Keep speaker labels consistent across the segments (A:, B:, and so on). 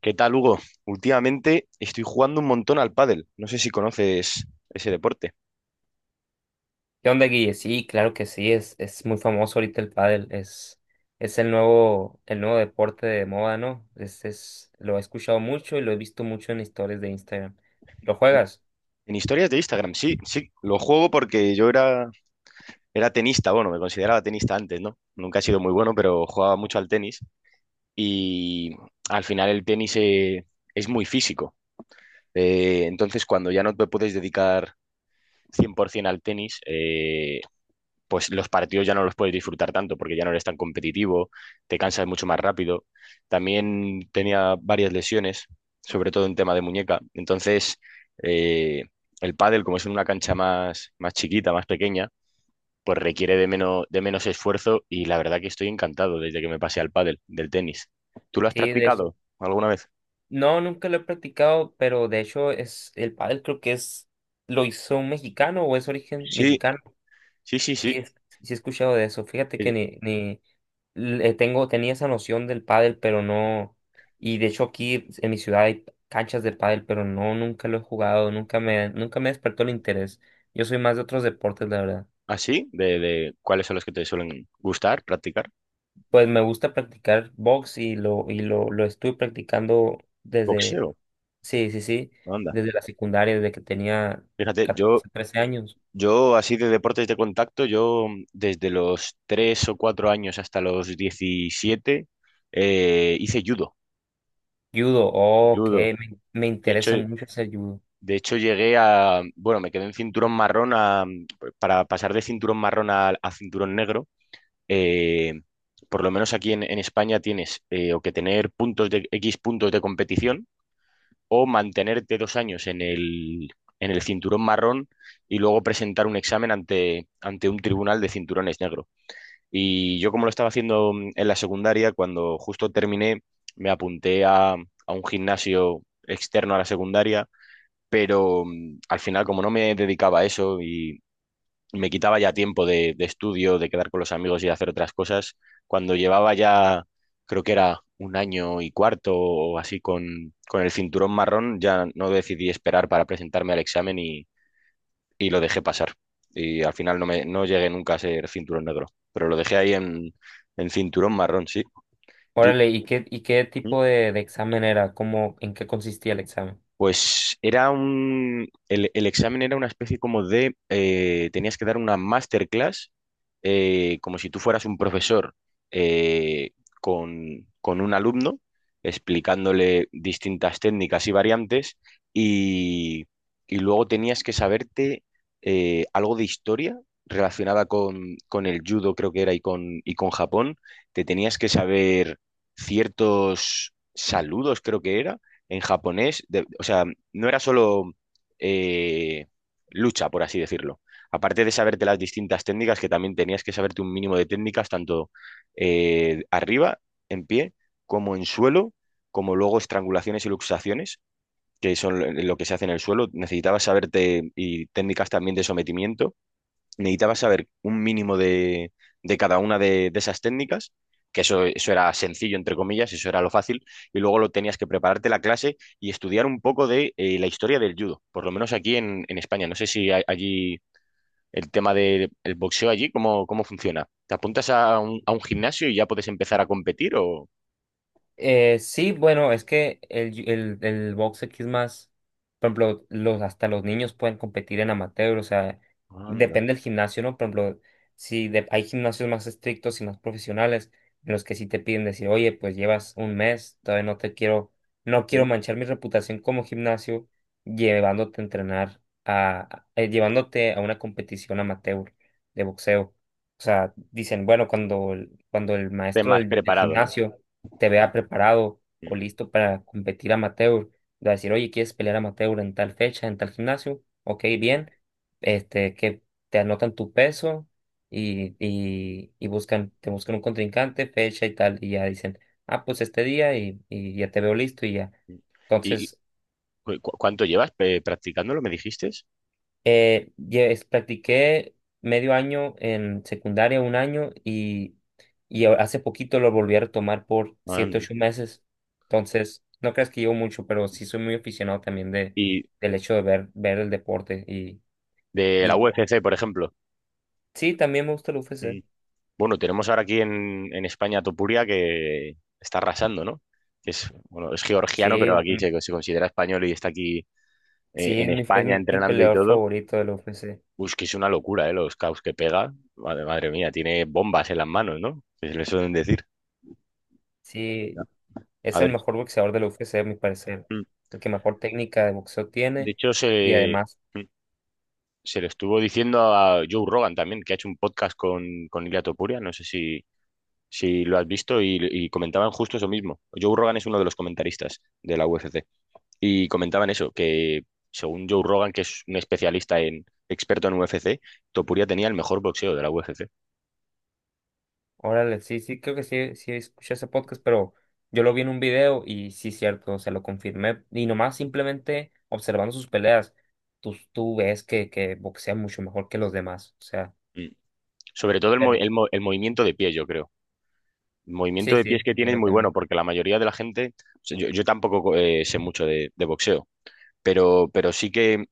A: ¿Qué tal, Hugo? Últimamente estoy jugando un montón al pádel. No sé si conoces ese deporte.
B: ¿Qué onda, Guille? Sí, claro que sí, es muy famoso ahorita el pádel, es el nuevo deporte de moda, ¿no? Lo he escuchado mucho y lo he visto mucho en historias de Instagram. ¿Lo juegas?
A: En historias de Instagram, sí, sí. Lo juego porque yo era tenista, bueno, me consideraba tenista antes, ¿no? Nunca he sido muy bueno, pero jugaba mucho al tenis. Y al final el tenis es muy físico. Entonces, cuando ya no te puedes dedicar 100% al tenis, pues los partidos ya no los puedes disfrutar tanto porque ya no eres tan competitivo, te cansas mucho más rápido. También tenía varias lesiones, sobre todo en tema de muñeca. Entonces, eh, el pádel, como es en una cancha más, más chiquita, más pequeña, pues requiere de menos esfuerzo y la verdad que estoy encantado desde que me pasé al pádel del tenis. ¿Tú lo has
B: Sí,
A: practicado alguna vez?
B: no, nunca lo he practicado, pero de hecho el pádel creo que lo hizo un mexicano o es origen
A: Sí,
B: mexicano.
A: sí, sí,
B: Sí,
A: sí.
B: sí he escuchado de eso. Fíjate
A: Eh,
B: que ni tenía esa noción del pádel, pero no. Y de hecho aquí en mi ciudad hay canchas de pádel, pero no, nunca lo he jugado, nunca me despertó el interés. Yo soy más de otros deportes, la verdad.
A: ¿Así? ¿De cuáles son los que te suelen gustar practicar?
B: Pues me gusta practicar box y lo estuve practicando desde,
A: Boxeo,
B: sí, sí, sí,
A: anda.
B: desde la secundaria, desde que tenía
A: Fíjate, yo
B: 14 13 años.
A: Yo, así de deportes de contacto, yo desde los 3 o 4 años hasta los 17 hice judo,
B: Judo, oh, ok,
A: judo.
B: me
A: De hecho,
B: interesa mucho hacer judo.
A: de hecho, llegué a, bueno, me quedé en cinturón marrón para pasar de cinturón marrón a cinturón negro. eh, por lo menos aquí en España tienes o que tener puntos de X puntos de competición o mantenerte 2 años en el cinturón marrón y luego presentar un examen ante un tribunal de cinturones negros. Y yo como lo estaba haciendo en la secundaria, cuando justo terminé, me apunté a un gimnasio externo a la secundaria, pero al final como no me dedicaba a eso y me quitaba ya tiempo de estudio, de quedar con los amigos y de hacer otras cosas, cuando llevaba ya, creo que era un año y cuarto o así con el cinturón marrón, ya no decidí esperar para presentarme al examen y lo dejé pasar. Y al final no llegué nunca a ser cinturón negro, pero lo dejé ahí en cinturón marrón, sí. ¿Y tú?
B: Órale, ¿y qué tipo de examen era? ¿Cómo, en qué consistía el examen?
A: Pues era un, el examen era una especie como de, tenías que dar una masterclass, como si tú fueras un profesor eh, con un alumno, explicándole distintas técnicas y variantes, y, y luego tenías que saberte algo de historia relacionada con el judo, creo que era, y con Japón. Te tenías que saber ciertos saludos, creo que era en japonés, o sea, no era solo eh, lucha, por así decirlo. Aparte de saberte las distintas técnicas, que también tenías que saberte un mínimo de técnicas, tanto arriba, en pie, como en suelo, como luego estrangulaciones y luxaciones, que son lo que se hace en el suelo. Necesitabas saberte y técnicas también de sometimiento, necesitaba saber un mínimo de cada una de esas técnicas, que eso era sencillo, entre comillas, eso era lo fácil, y luego lo tenías que prepararte la clase y estudiar un poco de la historia del judo, por lo menos aquí en España. No sé si allí el tema del el boxeo allí, ¿cómo funciona? ¿Te apuntas a un gimnasio y ya puedes empezar a competir, o?
B: Sí, bueno, es que el box aquí es más, por ejemplo, los, hasta los niños pueden competir en amateur, o sea,
A: Anda.
B: depende del gimnasio, ¿no? Por ejemplo, si hay gimnasios más estrictos y más profesionales, en los que sí te piden decir, oye, pues llevas un mes, todavía no te quiero, no
A: Mm.
B: quiero manchar mi reputación como gimnasio llevándote a una competición amateur de boxeo. O sea, dicen, bueno, cuando el
A: Estés
B: maestro
A: más
B: del
A: preparado, ¿no?
B: gimnasio te vea preparado o
A: Mm,
B: listo para competir amateur, de decir, oye, ¿quieres pelear amateur en tal fecha, en tal gimnasio? Ok,
A: mm,
B: bien, este, que te anotan tu peso y te buscan un contrincante, fecha y tal, y ya dicen, ah, pues este día y ya te veo listo y ya.
A: mm. ¿Y
B: Entonces,
A: cuánto llevas practicándolo, me dijiste?
B: Ya practiqué medio año en secundaria, un año, hace poquito lo volví a retomar por siete,
A: Anda.
B: ocho meses. Entonces, no creas que llevo mucho, pero sí soy muy aficionado también de,
A: ¿Y
B: del hecho de ver el deporte. Y,
A: de la
B: y
A: UFC, por ejemplo?
B: sí, también me gusta el UFC.
A: Mm. Bueno, tenemos ahora aquí en España a Topuria que está arrasando, ¿no? Que es, bueno, es georgiano,
B: Sí,
A: pero aquí
B: mm,
A: se considera español y está aquí
B: sí,
A: en
B: es mi,
A: España
B: es mi
A: entrenando y
B: peleador
A: todo.
B: favorito del UFC.
A: Uy, es que es una locura, ¿eh? Los caos que pega. Madre, madre mía, tiene bombas en las manos, ¿no? Que se le suelen decir. Ya.
B: Sí,
A: A
B: es el
A: ver.
B: mejor boxeador del UFC, a mi parecer.
A: Mm.
B: El que mejor técnica de boxeo
A: De
B: tiene.
A: hecho,
B: Y además.
A: mm, se le estuvo diciendo a Joe Rogan también, que ha hecho un podcast con Ilia Topuria. No sé si lo has visto, y comentaban justo eso mismo. Joe Rogan es uno de los comentaristas de la UFC y comentaban eso, que según Joe Rogan, que es un especialista en experto en UFC, Topuria tenía el mejor boxeo de la UFC.
B: Órale, sí, sí, creo que sí, sí escuché ese podcast, pero yo lo vi en un video y sí, cierto, o sea, lo confirmé. Y nomás simplemente observando sus peleas, tú ves que boxea mucho mejor que los demás, o sea,
A: Mm. Sobre todo el, mo-
B: pero
A: el mo- el movimiento de pie, yo creo. El movimiento
B: sí,
A: de pies
B: sí,
A: que tiene es
B: claro
A: muy bueno
B: también.
A: porque la mayoría de la gente, o sea, yo tampoco sé mucho de boxeo, pero sí que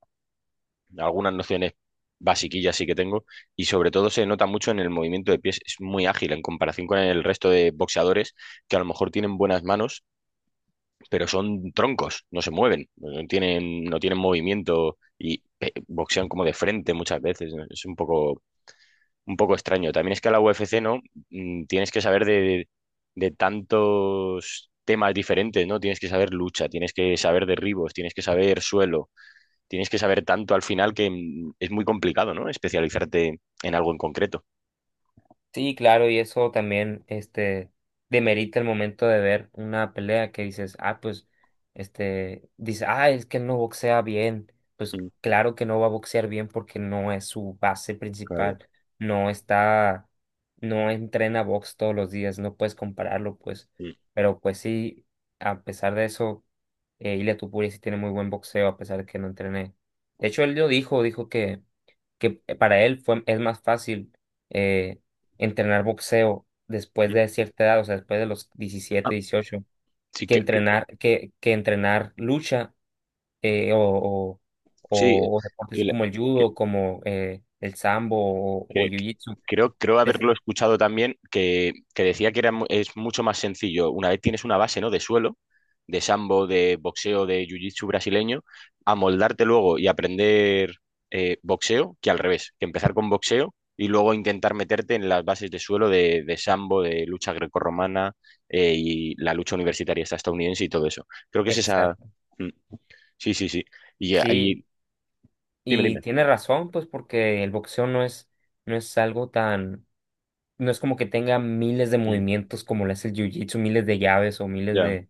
A: algunas nociones basiquillas sí que tengo y sobre todo se nota mucho en el movimiento de pies, es muy ágil en comparación con el resto de boxeadores que a lo mejor tienen buenas manos, pero son troncos, no se mueven, no tienen movimiento y boxean como de frente muchas veces, ¿no? Es un poco extraño. También es que a la UFC, ¿no? Tienes que saber de tantos temas diferentes, ¿no? Tienes que saber lucha, tienes que saber derribos, tienes que saber suelo, tienes que saber tanto al final que es muy complicado, ¿no? Especializarte en algo en concreto.
B: Sí, claro, y eso también, este, demerita el momento de ver una pelea que dices, ah, pues, este, dice, ah, es que no boxea bien. Pues
A: Mm,
B: claro que no va a boxear bien porque no es su base
A: claro.
B: principal, no está, no entrena box todos los días, no puedes compararlo, pues.
A: Mm,
B: Pero pues sí, a pesar de eso, Ilia Topuria sí tiene muy buen boxeo a pesar de que no entrené. De hecho, él lo dijo que para él fue, es más fácil. eh, Entrenar boxeo después
A: mm.
B: de cierta edad, o sea, después de los
A: Ah,
B: diecisiete 18
A: sí,
B: que entrenar, que entrenar lucha eh, o, o,
A: sí,
B: o deportes así como el judo, como el sambo o
A: Cre-
B: jiu-jitsu.
A: creo
B: Es-
A: haberlo escuchado también, que decía que es mucho más sencillo. Una vez tienes una base, ¿no? De suelo, de sambo, de boxeo, de jiu-jitsu brasileño, amoldarte luego y aprender boxeo, que al revés, que empezar con boxeo y luego intentar meterte en las bases de suelo de sambo, de lucha grecorromana y la lucha universitaria esta estadounidense y todo eso. Creo que es esa.
B: Exacto.
A: Mm, sí, sí, sí. Y ahí,
B: Sí,
A: dime,
B: y
A: dime.
B: tiene razón, pues porque el boxeo no es algo tan, no es como que tenga miles de
A: Mm,
B: movimientos como lo es el jiu-jitsu, miles de llaves o miles
A: ya.
B: de.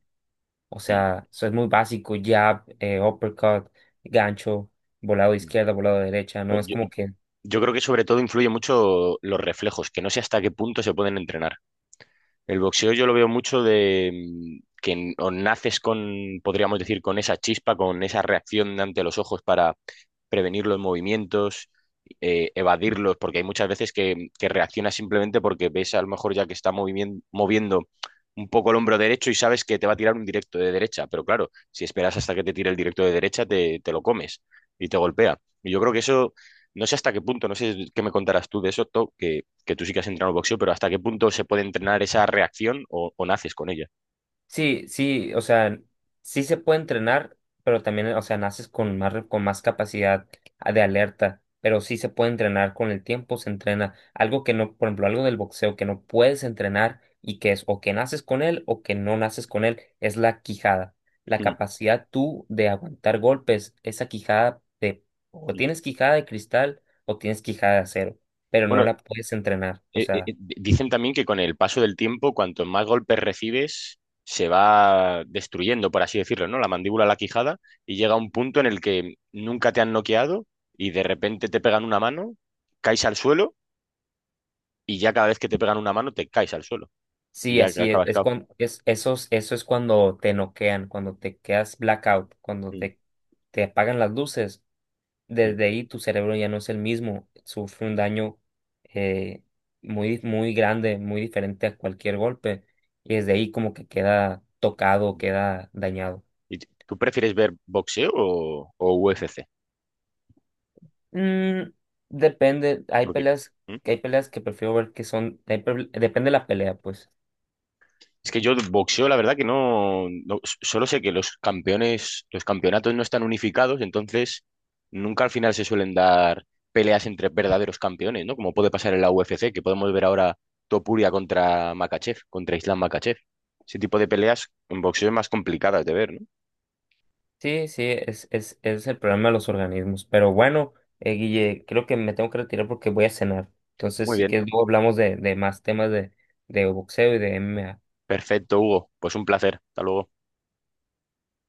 B: O
A: Mm,
B: sea, eso es muy básico, jab, uppercut, gancho, volado de
A: mm.
B: izquierda, volado de derecha, no es
A: Yo-
B: como que.
A: Yo creo que sobre todo influye mucho los reflejos, que no sé hasta qué punto se pueden entrenar. El boxeo yo lo veo mucho de que o naces con, podríamos decir, con esa chispa, con esa reacción ante los ojos para prevenir los movimientos, evadirlos, porque hay muchas veces que reaccionas simplemente porque ves a lo mejor ya que está moviendo un poco el hombro derecho y sabes que te va a tirar un directo de derecha, pero claro, si esperas hasta que te tire el directo de derecha, te lo comes y te golpea. Y yo creo que eso, no sé hasta qué punto, no sé qué me contarás tú de eso, To, que tú sí que has entrenado boxeo, pero ¿hasta qué punto se puede entrenar esa reacción, o naces con ella?
B: Sí, sí, o sea, sí se puede entrenar, pero también, o sea, naces con más, con más capacidad de alerta, pero sí se puede entrenar con el tiempo, se entrena. Algo que no, por ejemplo, algo del boxeo que no puedes entrenar y que es o que naces con él o que no naces con él, es la quijada. La
A: Mm,
B: capacidad tú de aguantar golpes, esa quijada de, o
A: mm.
B: tienes quijada de cristal o tienes quijada de acero, pero no
A: Bueno,
B: la puedes entrenar, o sea.
A: dicen también que con el paso del tiempo, cuanto más golpes recibes, se va destruyendo, por así decirlo, ¿no? La mandíbula, la quijada, y llega un punto en el que nunca te han noqueado y de repente te pegan una mano, caes al suelo y ya cada vez que te pegan una mano te caes al suelo y
B: Sí,
A: ya
B: así es.
A: acabas
B: Es
A: cao.
B: cuando, es, esos, eso es cuando te noquean, cuando te quedas blackout, cuando
A: Mm,
B: te apagan las luces.
A: mm,
B: Desde ahí tu cerebro ya no es el mismo, sufre un daño eh, muy, muy grande, muy diferente a cualquier golpe. Y desde ahí como que queda tocado,
A: mm.
B: queda dañado.
A: ¿Y tú prefieres ver boxeo, o UFC?
B: Mm, depende,
A: Porque, ¿hmm?
B: hay peleas que prefiero ver que son, hay depende de la pelea, pues.
A: Es que yo boxeo, la verdad que no, solo sé que los campeones, los campeonatos no están unificados, entonces nunca al final se suelen dar peleas entre verdaderos campeones, ¿no? Como puede pasar en la UFC, que podemos ver ahora Topuria contra Makachev, contra Islam Makachev. Ese tipo de peleas en boxeo es más complicadas de ver, ¿no?
B: Sí, sí, es el problema de los organismos. Pero bueno, Guille, creo que me tengo que retirar porque voy a cenar. Entonces,
A: Muy
B: si
A: bien,
B: quieres, luego hablamos de más temas de boxeo y de MMA.
A: perfecto, Hugo. Pues un placer. Hasta luego.